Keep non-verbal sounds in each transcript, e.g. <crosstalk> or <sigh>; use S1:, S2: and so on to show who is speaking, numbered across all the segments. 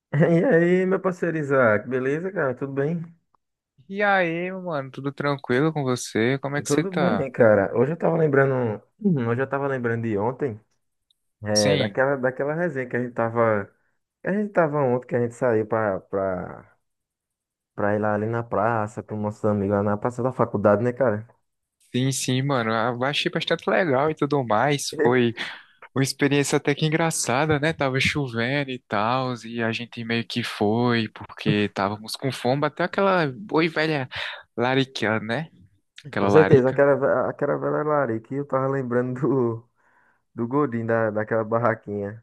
S1: <laughs> E aí, meu parceiro Isaac, beleza, cara? Tudo bem?
S2: E aí, meu mano, tudo tranquilo com você? Como é que você
S1: Tudo
S2: tá?
S1: bem, cara. Hoje eu tava lembrando, uhum, hoje eu tava lembrando de ontem,
S2: Sim,
S1: daquela resenha que a gente tava, que a gente tava ontem, que a gente saiu pra ir lá ali na praça, com nossos amigos lá na praça da faculdade, né, cara?
S2: sim, mano. Ah, eu achei bastante legal e tudo mais. Foi
S1: <laughs>
S2: uma experiência até que engraçada, né? Tava chovendo e tal, e a gente meio que foi, porque távamos com fome, até aquela boa e velha larica, né? Aquela
S1: Com certeza,
S2: larica.
S1: aquela velha larica, e eu tava lembrando do Godinho, daquela barraquinha.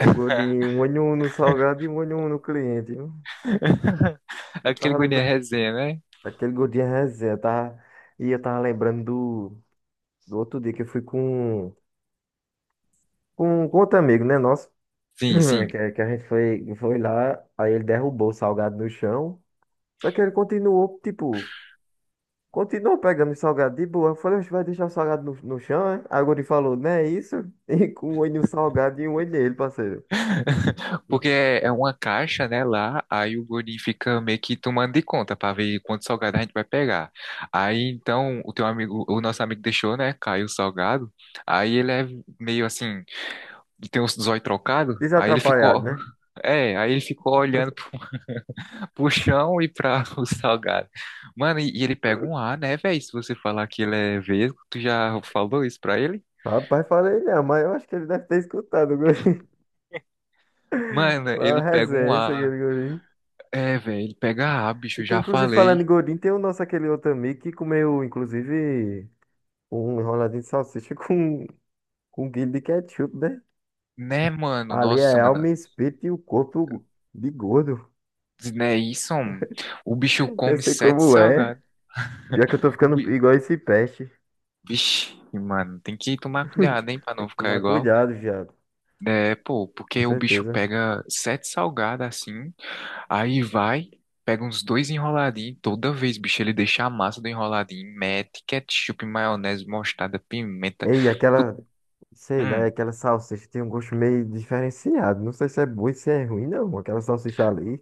S1: O Godinho, um olho no salgado e um olho no cliente, viu?
S2: <laughs>
S1: Eu
S2: Aquele
S1: tava
S2: guri de
S1: lembrando.
S2: resenha, né?
S1: Aquele gordinho é resenha, tá? E eu tava lembrando do outro dia que eu fui com outro amigo, né? Nosso, <clears throat>
S2: Sim, sim.
S1: que a gente foi, foi lá, aí ele derrubou o salgado no chão. Só que ele continuou, tipo, continuou pegando o salgado de boa. Eu falei, "Oxe, vai deixar o salgado no chão, é?" Aí o gordinho falou, não é isso? <laughs> E com um olho no salgado e um olho nele, parceiro.
S2: <laughs> Porque
S1: <laughs>
S2: é uma caixa, né, lá, aí o gordinho fica meio que tomando de conta pra ver quanto salgado a gente vai pegar. Aí então o teu amigo, o nosso amigo deixou, né, caiu o salgado. Aí ele é meio assim, tem os olhos trocados, aí ele
S1: Desatrapalhado,
S2: ficou.
S1: né?
S2: <laughs> É, aí ele ficou olhando pro, <laughs> pro chão e pra <laughs> o salgado. Mano, e ele pega um ar, né, velho? Se você falar que ele é vesgo, tu já falou isso pra ele?
S1: Rapaz, falei, não, mas eu acho que ele deve ter escutado o gordinho. <laughs>
S2: Mano,
S1: Mas é
S2: ele pega um
S1: resenha, isso aqui,
S2: ar.
S1: gordinho.
S2: É, velho, ele pega ar,
S1: E
S2: bicho, eu
S1: tem,
S2: já
S1: inclusive, falando em
S2: falei.
S1: gordinho, tem o nosso aquele outro amigo que comeu, inclusive, um enroladinho de salsicha <laughs> com um quilo de ketchup, né?
S2: Né, mano?
S1: Ali
S2: Nossa,
S1: é
S2: mano.
S1: alma, espírito e o corpo de gordo.
S2: Né, isso, mano. O bicho
S1: <laughs> Eu
S2: come
S1: sei
S2: sete
S1: como é.
S2: salgados.
S1: Pior que eu tô
S2: O
S1: ficando
S2: bi...
S1: igual esse peste.
S2: Vixe, mano, tem que tomar cuidado, hein, pra
S1: Tem
S2: não
S1: que
S2: ficar
S1: tomar
S2: igual.
S1: cuidado, viado.
S2: É, pô,
S1: Com
S2: porque o bicho
S1: certeza.
S2: pega sete salgados assim, aí vai, pega uns dois enroladinhos. Toda vez, bicho, ele deixa a massa do enroladinho, mete ketchup, maionese, mostarda, pimenta.
S1: Ei,
S2: Tu...
S1: aquela, sei lá,
S2: Hum,
S1: aquela salsicha tem um gosto meio diferenciado. Não sei se é bom e se é ruim, não. Aquela salsicha ali.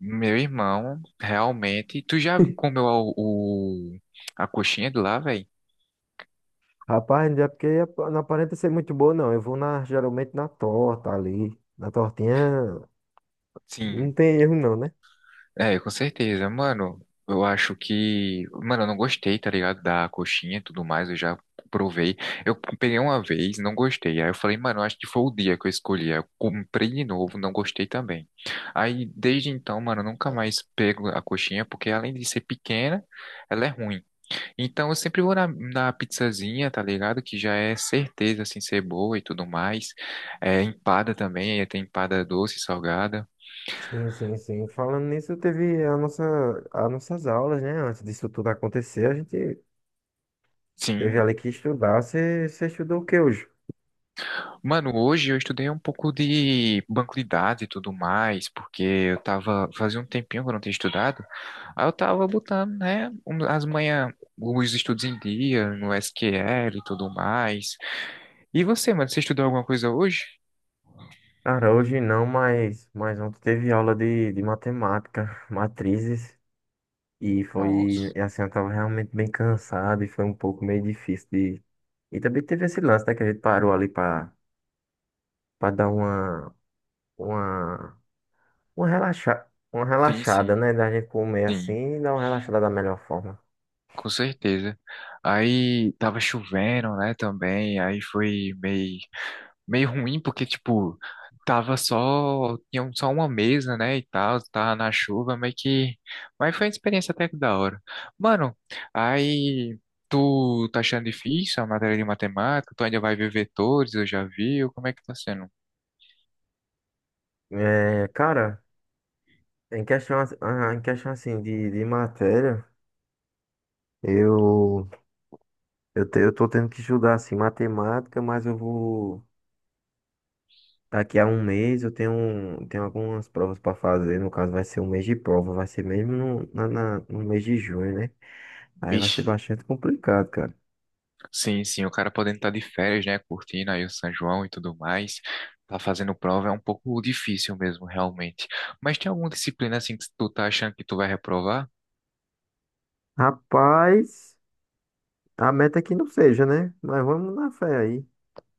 S2: meu irmão, realmente. Tu já
S1: <laughs>
S2: comeu a coxinha de lá, velho?
S1: Rapaz, não é porque não aparenta ser muito boa, não. Eu vou na, geralmente na torta ali. Na tortinha não
S2: Sim.
S1: tem erro, não, né?
S2: É, com certeza. Mano, eu acho que. Mano, eu não gostei, tá ligado? Da coxinha e tudo mais, eu já provei. Eu peguei uma vez, não gostei. Aí eu falei, mano, eu acho que foi o dia que eu escolhi. Aí eu comprei de novo, não gostei também. Aí desde então, mano, eu nunca mais pego a coxinha, porque além de ser pequena, ela é ruim. Então eu sempre vou na, na pizzazinha, tá ligado? Que já é certeza, assim, ser boa e tudo mais. É, empada também, tem empada doce, salgada.
S1: Sim, sim, sim. Falando nisso, teve a nossa, as nossas aulas, né? Antes disso tudo acontecer, a gente teve
S2: Sim,
S1: ali que estudar. Você estudou o que hoje?
S2: mano, hoje eu estudei um pouco de banco de dados e tudo mais, porque eu tava, fazia um tempinho que eu não tinha estudado, aí eu tava botando, né, um- as manhã, os estudos em dia, no SQL e tudo mais. E você, mano, você estudou alguma coisa hoje?
S1: Cara, hoje não, mas ontem teve aula de matemática, <laughs> matrizes, e foi,
S2: Nossa,
S1: e assim, eu tava realmente bem cansado e foi um pouco meio difícil de... E também teve esse lance, né, que a gente parou ali pra, pra dar uma, uma, uma, relaxa, uma
S2: sim,
S1: relaxada,
S2: sim,
S1: né? Da gente comer
S2: sim,
S1: assim e dar uma relaxada da melhor forma.
S2: com certeza. Aí tava chovendo, né, também, aí foi meio ruim, porque, tipo, tava só, tinha um- só uma mesa, né, e tal, tava na chuva, meio que, mas foi uma experiência até que da hora. Mano, aí, tu tá achando difícil a matéria de matemática? Tu ainda vai ver vetores, eu já vi, ou como é que tá sendo?
S1: É, cara, em questão assim de matéria, eu, eu tô tendo que estudar assim matemática, mas eu vou. Daqui a um mês eu tenho, um, tenho algumas provas para fazer. No caso, vai ser um mês de prova, vai ser mesmo no mês de junho, né? Aí vai
S2: Vixe,
S1: ser bastante complicado, cara.
S2: sim, sim, o cara podendo estar de férias, né, curtindo aí o São João e tudo mais, tá fazendo prova, é um pouco difícil mesmo, realmente. Mas tem alguma disciplina, assim, que tu tá achando que tu vai reprovar?
S1: Rapaz, a meta é que não seja, né? Mas vamos na fé aí.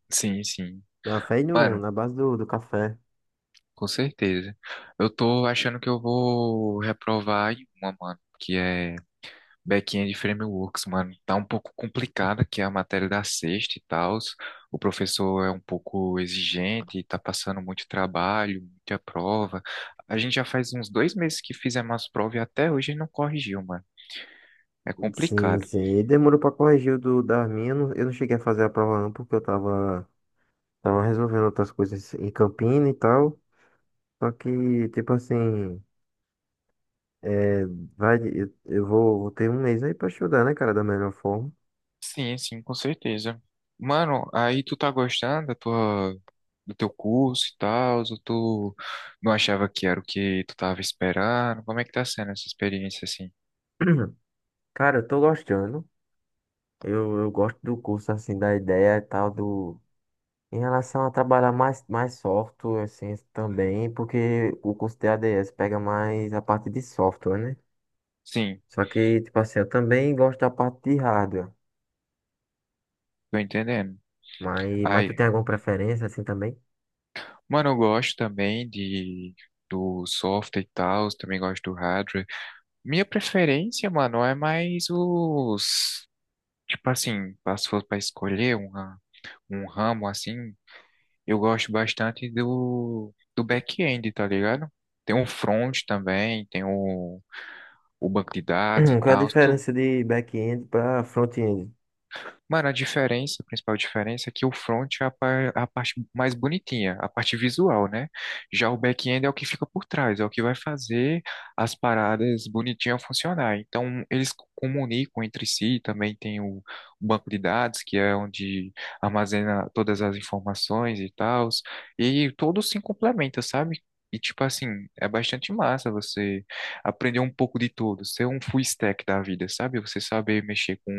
S2: Sim, sim.
S1: Na fé e no,
S2: Mano,
S1: na base do café.
S2: com certeza. Eu tô achando que eu vou reprovar em uma, mano, que é Back-end Frameworks, mano. Tá um pouco complicada, que é a matéria da sexta e tal. O professor é um pouco exigente, tá passando muito trabalho, muita prova. A gente já faz uns dois meses que fizemos as provas e até hoje ele não corrigiu, mano. É
S1: Sim,
S2: complicado.
S1: sim. E demorou pra corrigir da minha. Eu não cheguei a fazer a prova não, porque tava resolvendo outras coisas em Campina e tal. Só que, tipo assim, é, vai, vou ter um mês aí pra estudar, né, cara, da melhor forma.
S2: Sim, sim, com certeza. Mano, aí tu tá gostando da tua, do teu curso e tal, ou tu não achava que era o que tu tava esperando? Como é que tá sendo essa experiência assim?
S1: <clears throat> Cara, eu tô gostando. Eu gosto do curso, assim, da ideia e tal, do... Em relação a trabalhar mais software, assim, também, porque o curso de ADS pega mais a parte de software, né?
S2: Sim,
S1: Só que, tipo assim, eu também gosto da parte de hardware.
S2: tô entendendo.
S1: Mas tu
S2: Aí,
S1: tem alguma preferência assim também?
S2: mano, eu gosto também de do software e tal, também gosto do hardware. Minha preferência, mano, é mais os, tipo assim, se fosse pra escolher uma, um ramo assim, eu gosto bastante do back-end, tá ligado? Tem um front também, tem o banco de
S1: <clears throat>
S2: dados e
S1: Qual é a
S2: tal.
S1: diferença de back-end para front-end?
S2: Mano, a diferença, a principal diferença é que o front é a, par- é a parte mais bonitinha, a parte visual, né? Já o back-end é o que fica por trás, é o que vai fazer as paradas bonitinhas funcionar. Então, eles co- comunicam entre si, também tem o banco de dados, que é onde armazena todas as informações e tal, e todos se complementam, sabe? E, tipo assim, é bastante massa você aprender um pouco de tudo, ser um full stack da vida, sabe? Você saber mexer com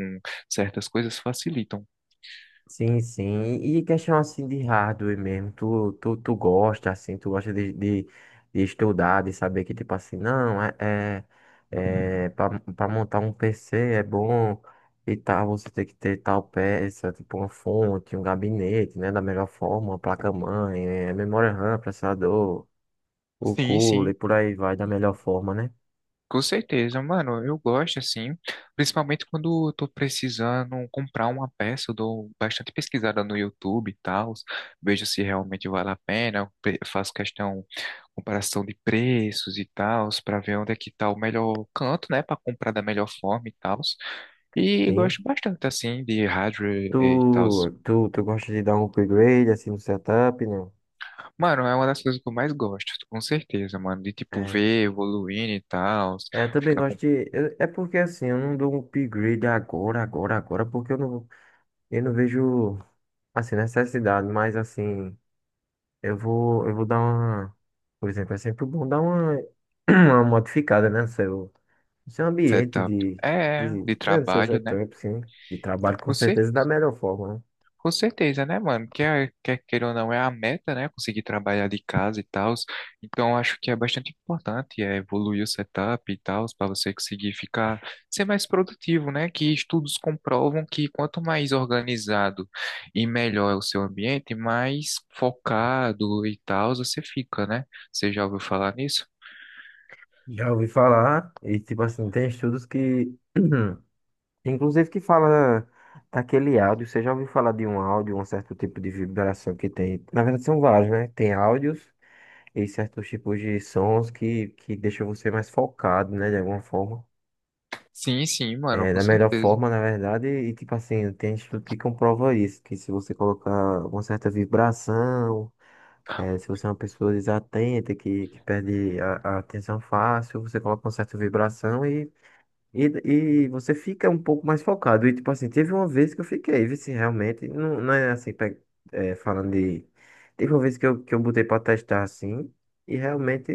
S2: certas coisas facilitam.
S1: Sim, sim. E questão assim de hardware mesmo. Tu gosta, assim, tu gosta de estudar, de saber que, tipo assim, não, é, é, é para montar um PC é bom e tal, você tem que ter tal peça, tipo uma fonte, um gabinete, né? Da melhor forma, uma placa-mãe, é, memória RAM, processador, o
S2: Sim,
S1: cooler
S2: sim.
S1: e por aí vai da melhor forma, né?
S2: Com certeza, mano, eu gosto assim, principalmente quando eu tô precisando comprar uma peça, eu dou bastante pesquisada no YouTube e tal, vejo se realmente vale a pena, eu pre- faço questão, comparação de preços e tal, para ver onde é que tá o melhor canto, né, para comprar da melhor forma e tal. E
S1: Sim.
S2: gosto bastante assim de hardware
S1: Tu,
S2: e tal.
S1: tu gosta de dar um upgrade assim no setup, não?
S2: Mano, é uma das coisas que eu mais gosto, com certeza, mano, de tipo
S1: É.
S2: ver evoluindo e tal,
S1: É, eu também
S2: ficar.
S1: gosto de. É porque assim, eu não dou um upgrade agora, porque eu não vejo assim, necessidade, mas assim, eu vou dar uma. Por exemplo, é sempre bom dar uma, <clears throat> uma modificada, né? No seu ambiente
S2: Setup.
S1: de,
S2: É, de
S1: né, no seu
S2: trabalho, né?
S1: setup, sim. De trabalho, com
S2: Com, cer-
S1: certeza, da melhor forma, né?
S2: com certeza, né, mano? Quer, quer queira ou não, é a meta, né? Conseguir trabalhar de casa e tal. Então, acho que é bastante importante é, evoluir o setup e tal, para você conseguir ficar, ser mais produtivo, né? Que estudos comprovam que quanto mais organizado e melhor é o seu ambiente, mais focado e tal você fica, né? Você já ouviu falar nisso?
S1: Já ouvi falar, e tipo assim, tem estudos que, <clears throat> inclusive que fala daquele áudio, você já ouviu falar de um áudio, um certo tipo de vibração que tem, na verdade são vários, né? Tem áudios e certos tipos de sons que deixam você mais focado, né, de alguma forma.
S2: Sim, sim, mano,
S1: É,
S2: com
S1: da melhor
S2: certeza.
S1: forma, na verdade, e tipo assim, tem estudo que comprova isso, que se você colocar uma certa vibração, é, se você é uma pessoa desatenta, que perde a atenção fácil, você coloca uma certa vibração. E, e você fica um pouco mais focado. E, tipo assim, teve uma vez que eu fiquei, vi se realmente, não, não é assim, falando de. Teve uma vez que que eu botei pra testar assim, e realmente,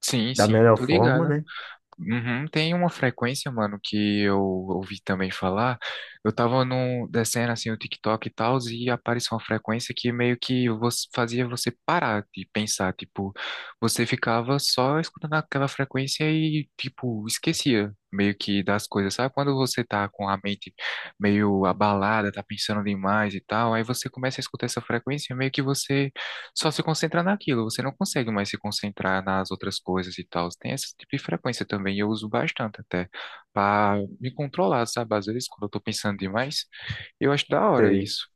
S2: Sim,
S1: da
S2: sim,
S1: melhor
S2: tô
S1: forma,
S2: ligado.
S1: né?
S2: Uhum, tem uma frequência, mano, que eu ouvi também falar. Eu tava num, descendo assim o TikTok e tal, e apareceu uma frequência que meio que você, fazia você parar de pensar. Tipo, você ficava só escutando aquela frequência e, tipo, esquecia meio que das coisas. Sabe quando você tá com a mente meio abalada, tá pensando demais e tal, aí você começa a escutar essa frequência, e meio que você só se concentra naquilo, você não consegue mais se concentrar nas outras coisas e tal. Tem esse tipo de frequência também, eu uso bastante até, para me controlar, sabe? Às vezes, quando eu tô pensando demais, eu acho da hora
S1: Sei.
S2: isso.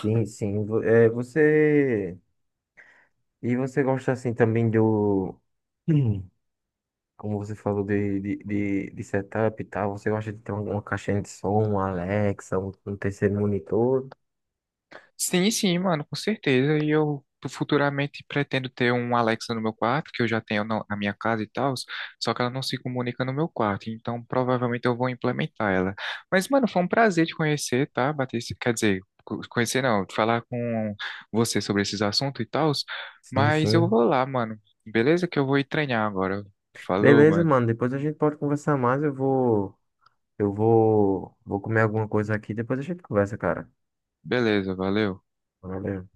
S1: Sim, sim. É, você. E você gosta assim também do. Hum, Como você falou de setup e tal, você gosta de ter uma caixinha de som, um Alexa, um terceiro monitor?
S2: Sim, sim, mano, com certeza. E eu futuramente pretendo ter um Alexa no meu quarto, que eu já tenho na minha casa e tal, só que ela não se comunica no meu quarto, então provavelmente eu vou implementar ela. Mas, mano, foi um prazer te conhecer, tá? Bater, esse- quer dizer, co- conhecer não, falar com você sobre esses assuntos e tal,
S1: Sim,
S2: mas eu
S1: sim.
S2: vou lá, mano. Beleza? Que eu vou ir treinar agora. Falou,
S1: Beleza,
S2: mano.
S1: mano. Depois a gente pode conversar mais. Eu vou. Vou comer alguma coisa aqui, depois a gente conversa, cara.
S2: Beleza, valeu.
S1: Valeu.